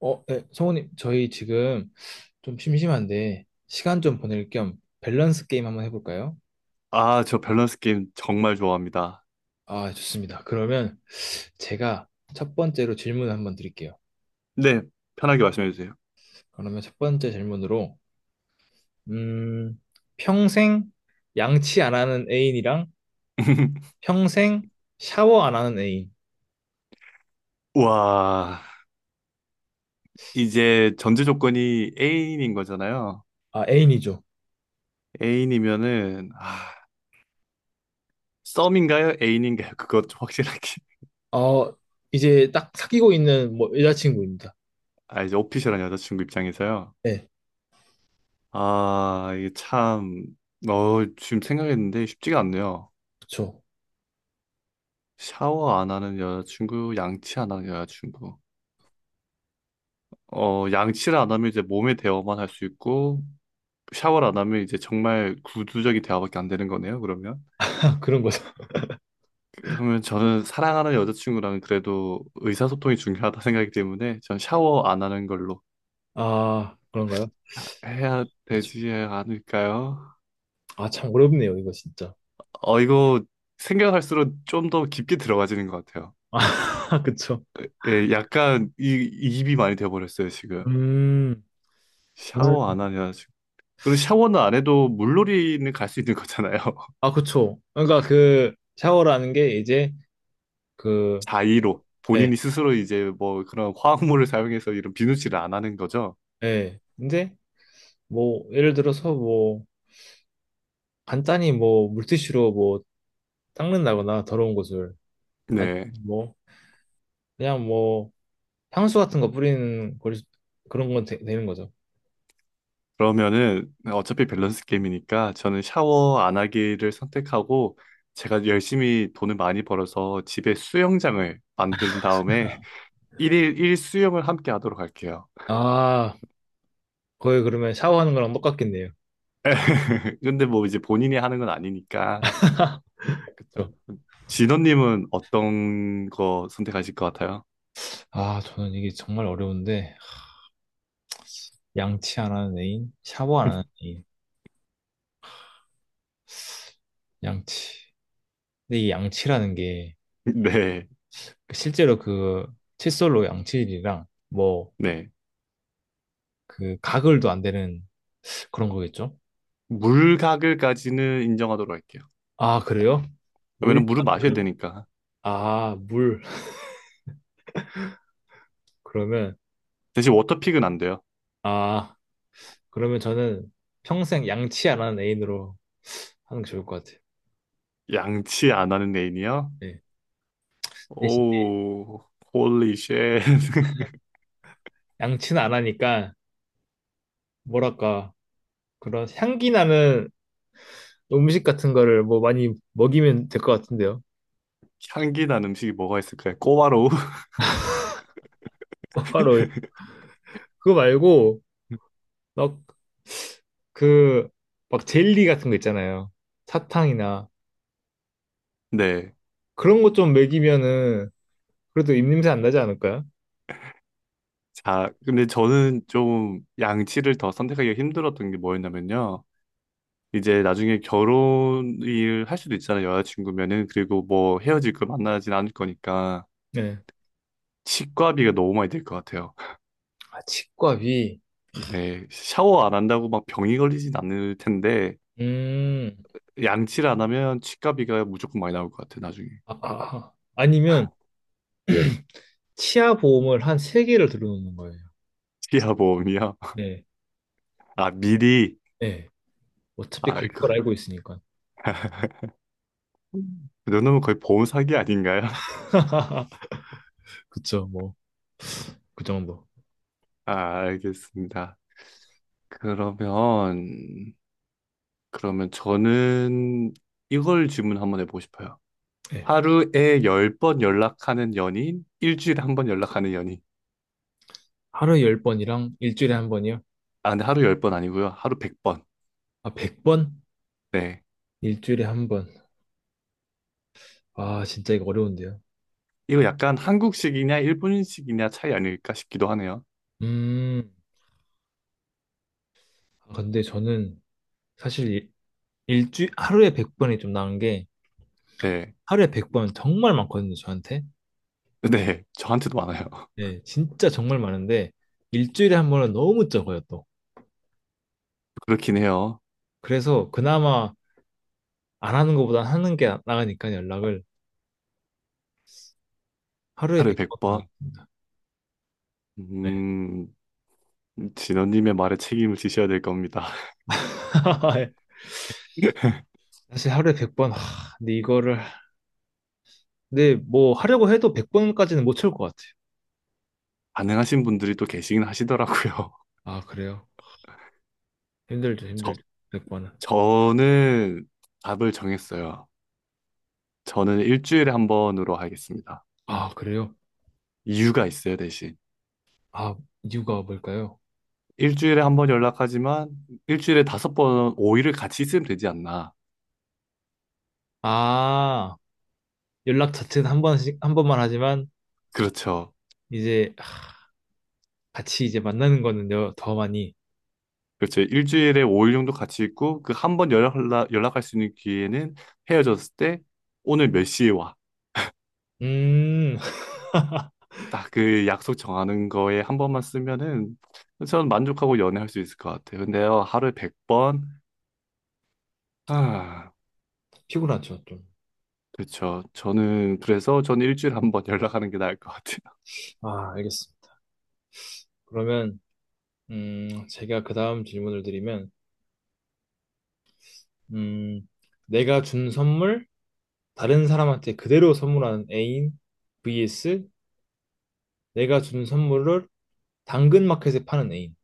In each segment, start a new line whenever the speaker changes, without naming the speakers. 어, 네, 성우님, 저희 지금 좀 심심한데 시간 좀 보낼 겸 밸런스 게임 한번 해볼까요?
아, 저 밸런스 게임 정말 좋아합니다.
아, 좋습니다. 그러면 제가 첫 번째로 질문을 한번 드릴게요.
네, 편하게 말씀해 주세요.
그러면 첫 번째 질문으로, 음, 평생 양치 안 하는 애인이랑 평생 샤워 안 하는 애인.
와, 이제 전제 조건이 애인인 거잖아요.
아, 애인이죠.
애인이면은, 아, 썸인가요? 애인인가요? 그것 좀 확실하게.
어, 이제 딱 사귀고 있는 뭐 여자친구입니다.
아, 이제 오피셜한 여자친구 입장에서요.
네,
아, 이게 참, 지금 생각했는데 쉽지가 않네요.
그쵸.
샤워 안 하는 여자친구, 양치 안 하는 여자친구. 양치를 안 하면 이제 몸에 대어만 할 수 있고, 샤워를 안 하면 이제 정말 구두적인 대화밖에 안 되는 거네요, 그러면.
그런 거죠.
그러면 저는 사랑하는 여자친구랑 그래도 의사소통이 중요하다 생각이기 때문에 전 샤워 안 하는 걸로
아, 그런가요?
해야
그쵸.
되지 않을까요?
아, 참 어렵네요, 이거 진짜.
이거 생각할수록 좀 더 깊게 들어가지는 것 같아요.
아, 그쵸.
예, 약간 이입이 많이 돼버렸어요, 지금.
음, 저는,
샤워 안 하냐, 지금. 그리고 샤워는 안 해도 물놀이는 갈 수 있는 거잖아요.
아, 그쵸. 그러니까 그 샤워라는 게 이제 그,
자의로.
예,
본인이 스스로 이제 뭐 그런 화학물을 사용해서 이런 비누칠을 안 하는 거죠.
예. 근데 뭐, 예를 들어서 뭐, 간단히 뭐, 물티슈로 뭐, 닦는다거나 더러운 곳을. 아니,
네.
뭐, 그냥 뭐, 향수 같은 거 뿌리는 걸, 그런 건 되, 는 거죠.
그러면은 어차피 밸런스 게임이니까 저는 샤워 안 하기를 선택하고 제가 열심히 돈을 많이 벌어서 집에 수영장을 만든 다음에 일일일 수영을 함께 하도록 할게요.
아, 거의 그러면 샤워하는 거랑 똑같겠네요.
근데 뭐 이제 본인이 하는 건 아니니까
그쵸.
진원님은 어떤 거 선택하실 것 같아요?
아, 저는 이게 정말 어려운데, 양치 안 하는 애인, 샤워 안 하는 애인, 양치. 근데 이 양치라는 게,
네,
실제로 그 칫솔로 양치질이랑 뭐
네.
그 가글도 안 되는 그런 거겠죠?
물가글까지는 인정하도록 할게요.
아, 그래요? 물?
왜냐면 물을 마셔야 되니까.
아, 물. 그러면
대신 워터픽은 안 돼요.
아, 그러면 저는 평생 양치 안 하는 애인으로 하는 게 좋을 것 같아요.
양치 안 하는 애인이요?
네. 대신
오, 홀리 쉣.
양치는 안 하니까 뭐랄까 그런 향기 나는 음식 같은 거를 뭐 많이 먹이면 될 것 같은데요.
향기 난 음식이 뭐가 있을까요? 꼬바로우?
바로 그거 말고 막 그 막 젤리 같은 거 있잖아요. 사탕이나
네.
그런 것 좀 먹이면은 그래도 입냄새 안 나지 않을까요?
자, 근데 저는 좀 양치를 더 선택하기가 힘들었던 게 뭐였냐면요. 이제 나중에 결혼을 할 수도 있잖아요. 여자친구면은. 그리고 뭐 헤어질 거 만나진 않을 거니까.
네.
치과비가 너무 많이 들 것 같아요.
아, 치과비.
네. 샤워 안 한다고 막 병이 걸리진 않을 텐데,
음.
양치를 안 하면 치과비가 무조건 많이 나올 것 같아요. 나중에.
아, 아, 아. 니면 치아 보험을 한 세개를 들어놓는 거예요.
치아보험이요?
네.
아, 미리.
네. 어차피
아,
갈 걸 알고 있으니까.
그 정도면 거의 보험 사기 아닌가요?
그쵸, 뭐. 그 정도.
아, 알겠습니다. 그러면, 그러면 저는 이걸 질문 한번 해보고 싶어요.
네.
하루에 열 번 연락하는 연인, 일주일에 한번 연락하는 연인.
하루에 열 번이랑 일주일에 한 번이요?
아, 근데 하루 열 번 아니고요. 하루 100번.
아, 100번?
네.
일주일에 한 번. 아, 진짜 이거 어려운데요.
이거 약간 한국식이냐, 일본식이냐 차이 아닐까 싶기도 하네요.
음. 아, 근데 저는 사실 일, 일주 하루에 100번이 좀 나은 게
네.
하루에 100번 정말 많거든요, 저한테.
네. 저한테도 많아요.
네, 진짜 정말 많은데 일주일에 한 번은 너무 적어요, 또.
그렇긴 해요.
그래서 그나마 안 하는 것보다 하는 게 나가니까 연락을 하루에
하루에
100번
100번.
하겠습니다. 네.
음, 진원님의 말에 책임을 지셔야 될 겁니다.
사실 하루에 100번, 하, 근데 이거를, 근데 뭐 하려고 해도 100번까지는 못 채울 것 같아요.
가능하신 분들이 또 계시긴 하시더라고요.
아, 그래요? 힘들죠,
저,
힘들죠. 100번은.
저는 답을 정했어요. 저는 일주일에 한 번으로 하겠습니다.
아, 그래요?
이유가 있어요, 대신.
아, 이유가 뭘까요?
일주일에 한 번 연락하지만 일주일에 다섯 번, 5일을 같이 있으면 되지 않나.
아, 연락 자체는 한 번씩, 한 번만 하지만
그렇죠.
이제 같이 이제 만나는 거는 더 많이,
그렇죠. 일주일에 5일 정도 같이 있고 그 한 번 연락할 수 있는 기회는 헤어졌을 때 오늘 몇 시에 와.
음,
딱 그 약속 정하는 거에 한 번만 쓰면은 저는 만족하고 연애할 수 있을 것 같아요. 근데요, 하루에 100번?
피곤하죠, 좀.
그렇죠. 저는 그래서 저는 일주일에 한번 연락하는 게 나을 것 같아요.
아, 알겠습니다. 그러면 제가 그 다음 질문을 드리면 음, 내가 준 선물 다른 사람한테 그대로 선물하는 애인 vs 내가 준 선물을 당근마켓에 파는 애인.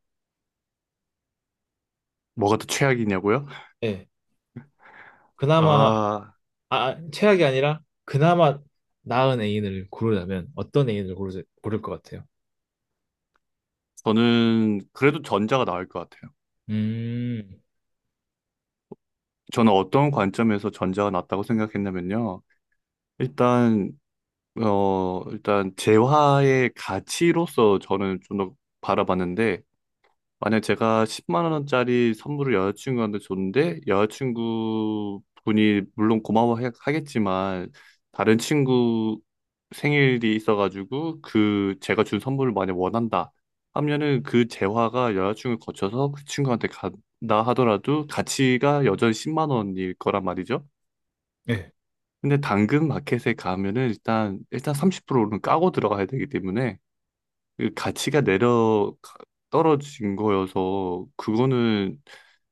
뭐가 더 최악이냐고요?
예. 그나마 아,
아,
아, 최악이 아니라 그나마 나은 애인을 고르자면 어떤 애인을 고르, 고를 것 같아요?
저는 그래도 전자가 나을 것 같아요.
음,
저는 어떤 관점에서 전자가 낫다고 생각했냐면요. 일단 재화의 가치로서 저는 좀 더 바라봤는데 만약 제가 10만 원짜리 선물을 여자친구한테 줬는데 여자친구 분이 물론 고마워하겠지만 다른 친구 생일이 있어가지고 그 제가 준 선물을 만약 원한다 하면은 그 재화가 여자친구를 거쳐서 그 친구한테 간다 하더라도 가치가 여전히 10만 원일 거란 말이죠.
예.
근데 당근 마켓에 가면은 일단 30%는 까고 들어가야 되기 때문에 그 가치가 내려 떨어진 거여서 그거는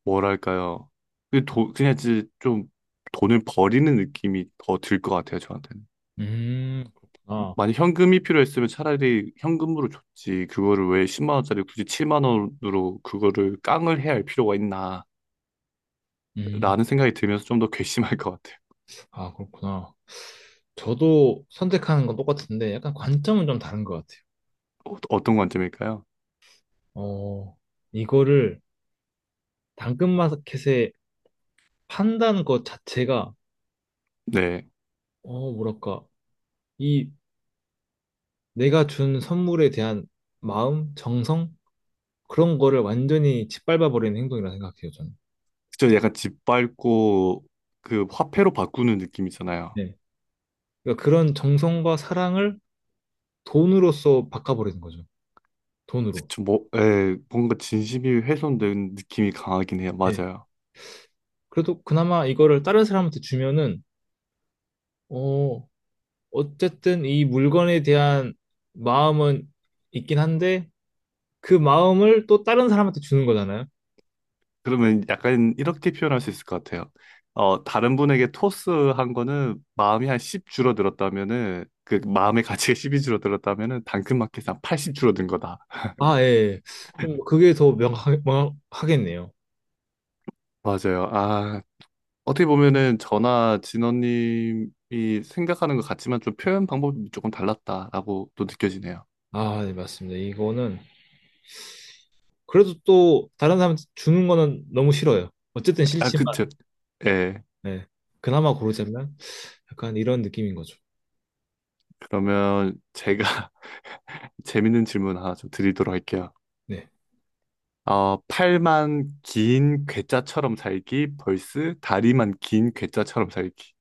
뭐랄까요? 그 돈, 그냥 이제 좀 돈을 버리는 느낌이 더 들 것 같아요, 저한테는.
그렇구나.
만약 현금이 필요했으면 차라리 현금으로 줬지. 그거를 왜 10만 원짜리 굳이 7만 원으로 그거를 깡을 해야 할 필요가 있나라는
음,
생각이 들면서 좀 더 괘씸할 것 같아요.
아, 그렇구나. 저도 선택하는 건 똑같은데 약간 관점은 좀 다른 것 같아요.
어떤 관점일까요?
어, 이거를 당근마켓에 판다는 것 자체가,
네.
어, 뭐랄까, 이 내가 준 선물에 대한 마음, 정성? 그런 거를 완전히 짓밟아버리는 행동이라 생각해요, 저는.
저 약간 집 밟고 그 화폐로 바꾸는 느낌이잖아요.
네. 그러니까 그런 정성과 사랑을 돈으로써 바꿔버리는 거죠. 돈으로.
그쵸, 뭐, 예, 뭔가 진심이 훼손된 느낌이 강하긴 해요.
네.
맞아요.
그래도 그나마 이거를 다른 사람한테 주면은, 어, 어쨌든 이 물건에 대한 마음은 있긴 한데, 그 마음을 또 다른 사람한테 주는 거잖아요.
그러면 약간 이렇게 표현할 수 있을 것 같아요. 다른 분에게 토스한 거는 마음이 한 10 줄어들었다면은, 그 마음의 가치가 10이 줄어들었다면은 당근마켓에 한80 줄어든 거다.
아, 예. 예. 좀 그게 더 명확, 명확하겠네요.
맞아요. 아, 어떻게 보면은 저나 진원님이 생각하는 것 같지만 좀 표현 방법이 조금 달랐다라고 또 느껴지네요.
아, 네, 맞습니다. 이거는 그래도 또 다른 사람 주는 거는 너무 싫어요. 어쨌든
아,
싫지만,
그쵸. 예,
네. 그나마 고르자면 약간 이런 느낌인 거죠.
그러면 제가 재밌는 질문 하나 좀 드리도록 할게요.
네.
팔만 긴 괴짜처럼 살기, 벌스 다리만 긴 괴짜처럼 살기.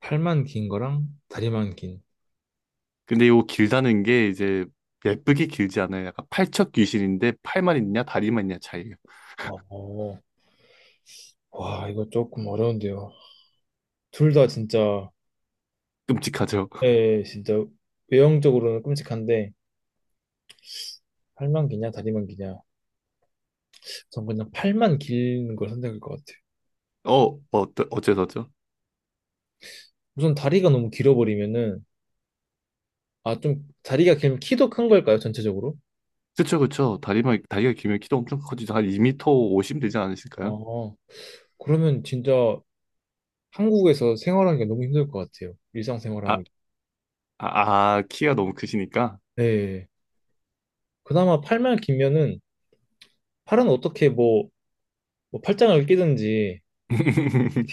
팔만 긴 거랑 다리만 긴.
근데 이거 길다는 게 이제 예쁘게 길지 않아요. 약간 팔척 귀신인데 팔만 있냐 다리만 있냐 차이예요.
어, 어. 와, 이거 조금 어려운데요. 둘 다 진짜,
끔찍하죠.
예, 진짜 외형적으로는 끔찍한데, 팔만 기냐, 다리만 기냐. 전 그냥 팔만 긴 걸 선택할 것 같아요.
어, 어째서죠?
우선 다리가 너무 길어버리면은 아, 좀 다리가 길면 키도 큰 걸까요, 전체적으로?
그쵸, 그쵸. 다리가 길면 키도 엄청 커지죠. 한2터50 되지 않으실까요?
어, 그러면 진짜 한국에서 생활하는 게 너무 힘들 것 같아요.
아,
일상생활하기.
아, 아, 키가 너무 크시니까.
네. 그나마 팔만 길면은 팔은 어떻게 뭐, 뭐 팔짱을 끼든지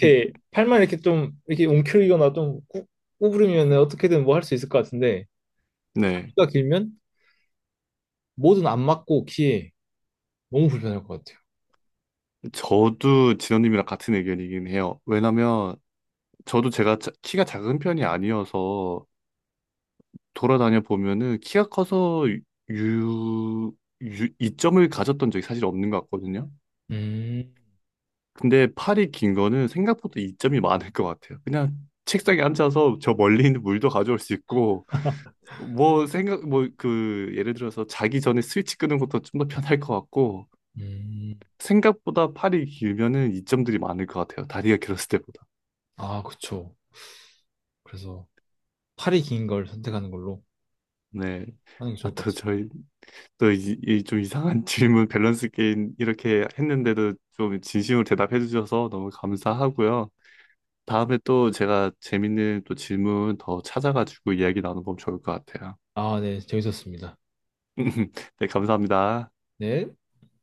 이렇게 팔만 이렇게 좀 이렇게 움켜리거나 좀 꾸, 구부리면 어떻게든 뭐 할 수 있을 것 같은데
네.
다리가 길면 뭐든 안 맞고 키에 너무 불편할 것 같아요.
저도 진원님이랑 같은 의견이긴 해요. 왜냐면 저도 제가 키가 작은 편이 아니어서 돌아다녀 보면은 키가 커서 유, 이점을 가졌던 적이 사실 없는 것 같거든요.
음,
근데 팔이 긴 거는 생각보다 이점이 많을 것 같아요. 그냥 책상에 앉아서 저 멀리 있는 물도 가져올 수 있고 뭐 생각 뭐 그 예를 들어서 자기 전에 스위치 끄는 것도 좀 더 편할 것 같고
음.
생각보다 팔이 길면은 이점들이 많을 것 같아요. 다리가 길었을 때보다.
아, 그쵸. 그래서 팔이 긴 걸 선택하는 걸로
네.
하는 게
아,
좋을 것
또 저희 또 이 좀 이상한 질문 밸런스 게임 이렇게 했는데도 좀 진심으로 대답해 주셔서 너무 감사하고요. 다음에 또 제가 재밌는 또 질문 더 찾아가지고 이야기 나눠보면 좋을 것 같아요.
아 네. 재밌었습니다.
네, 감사합니다.
네.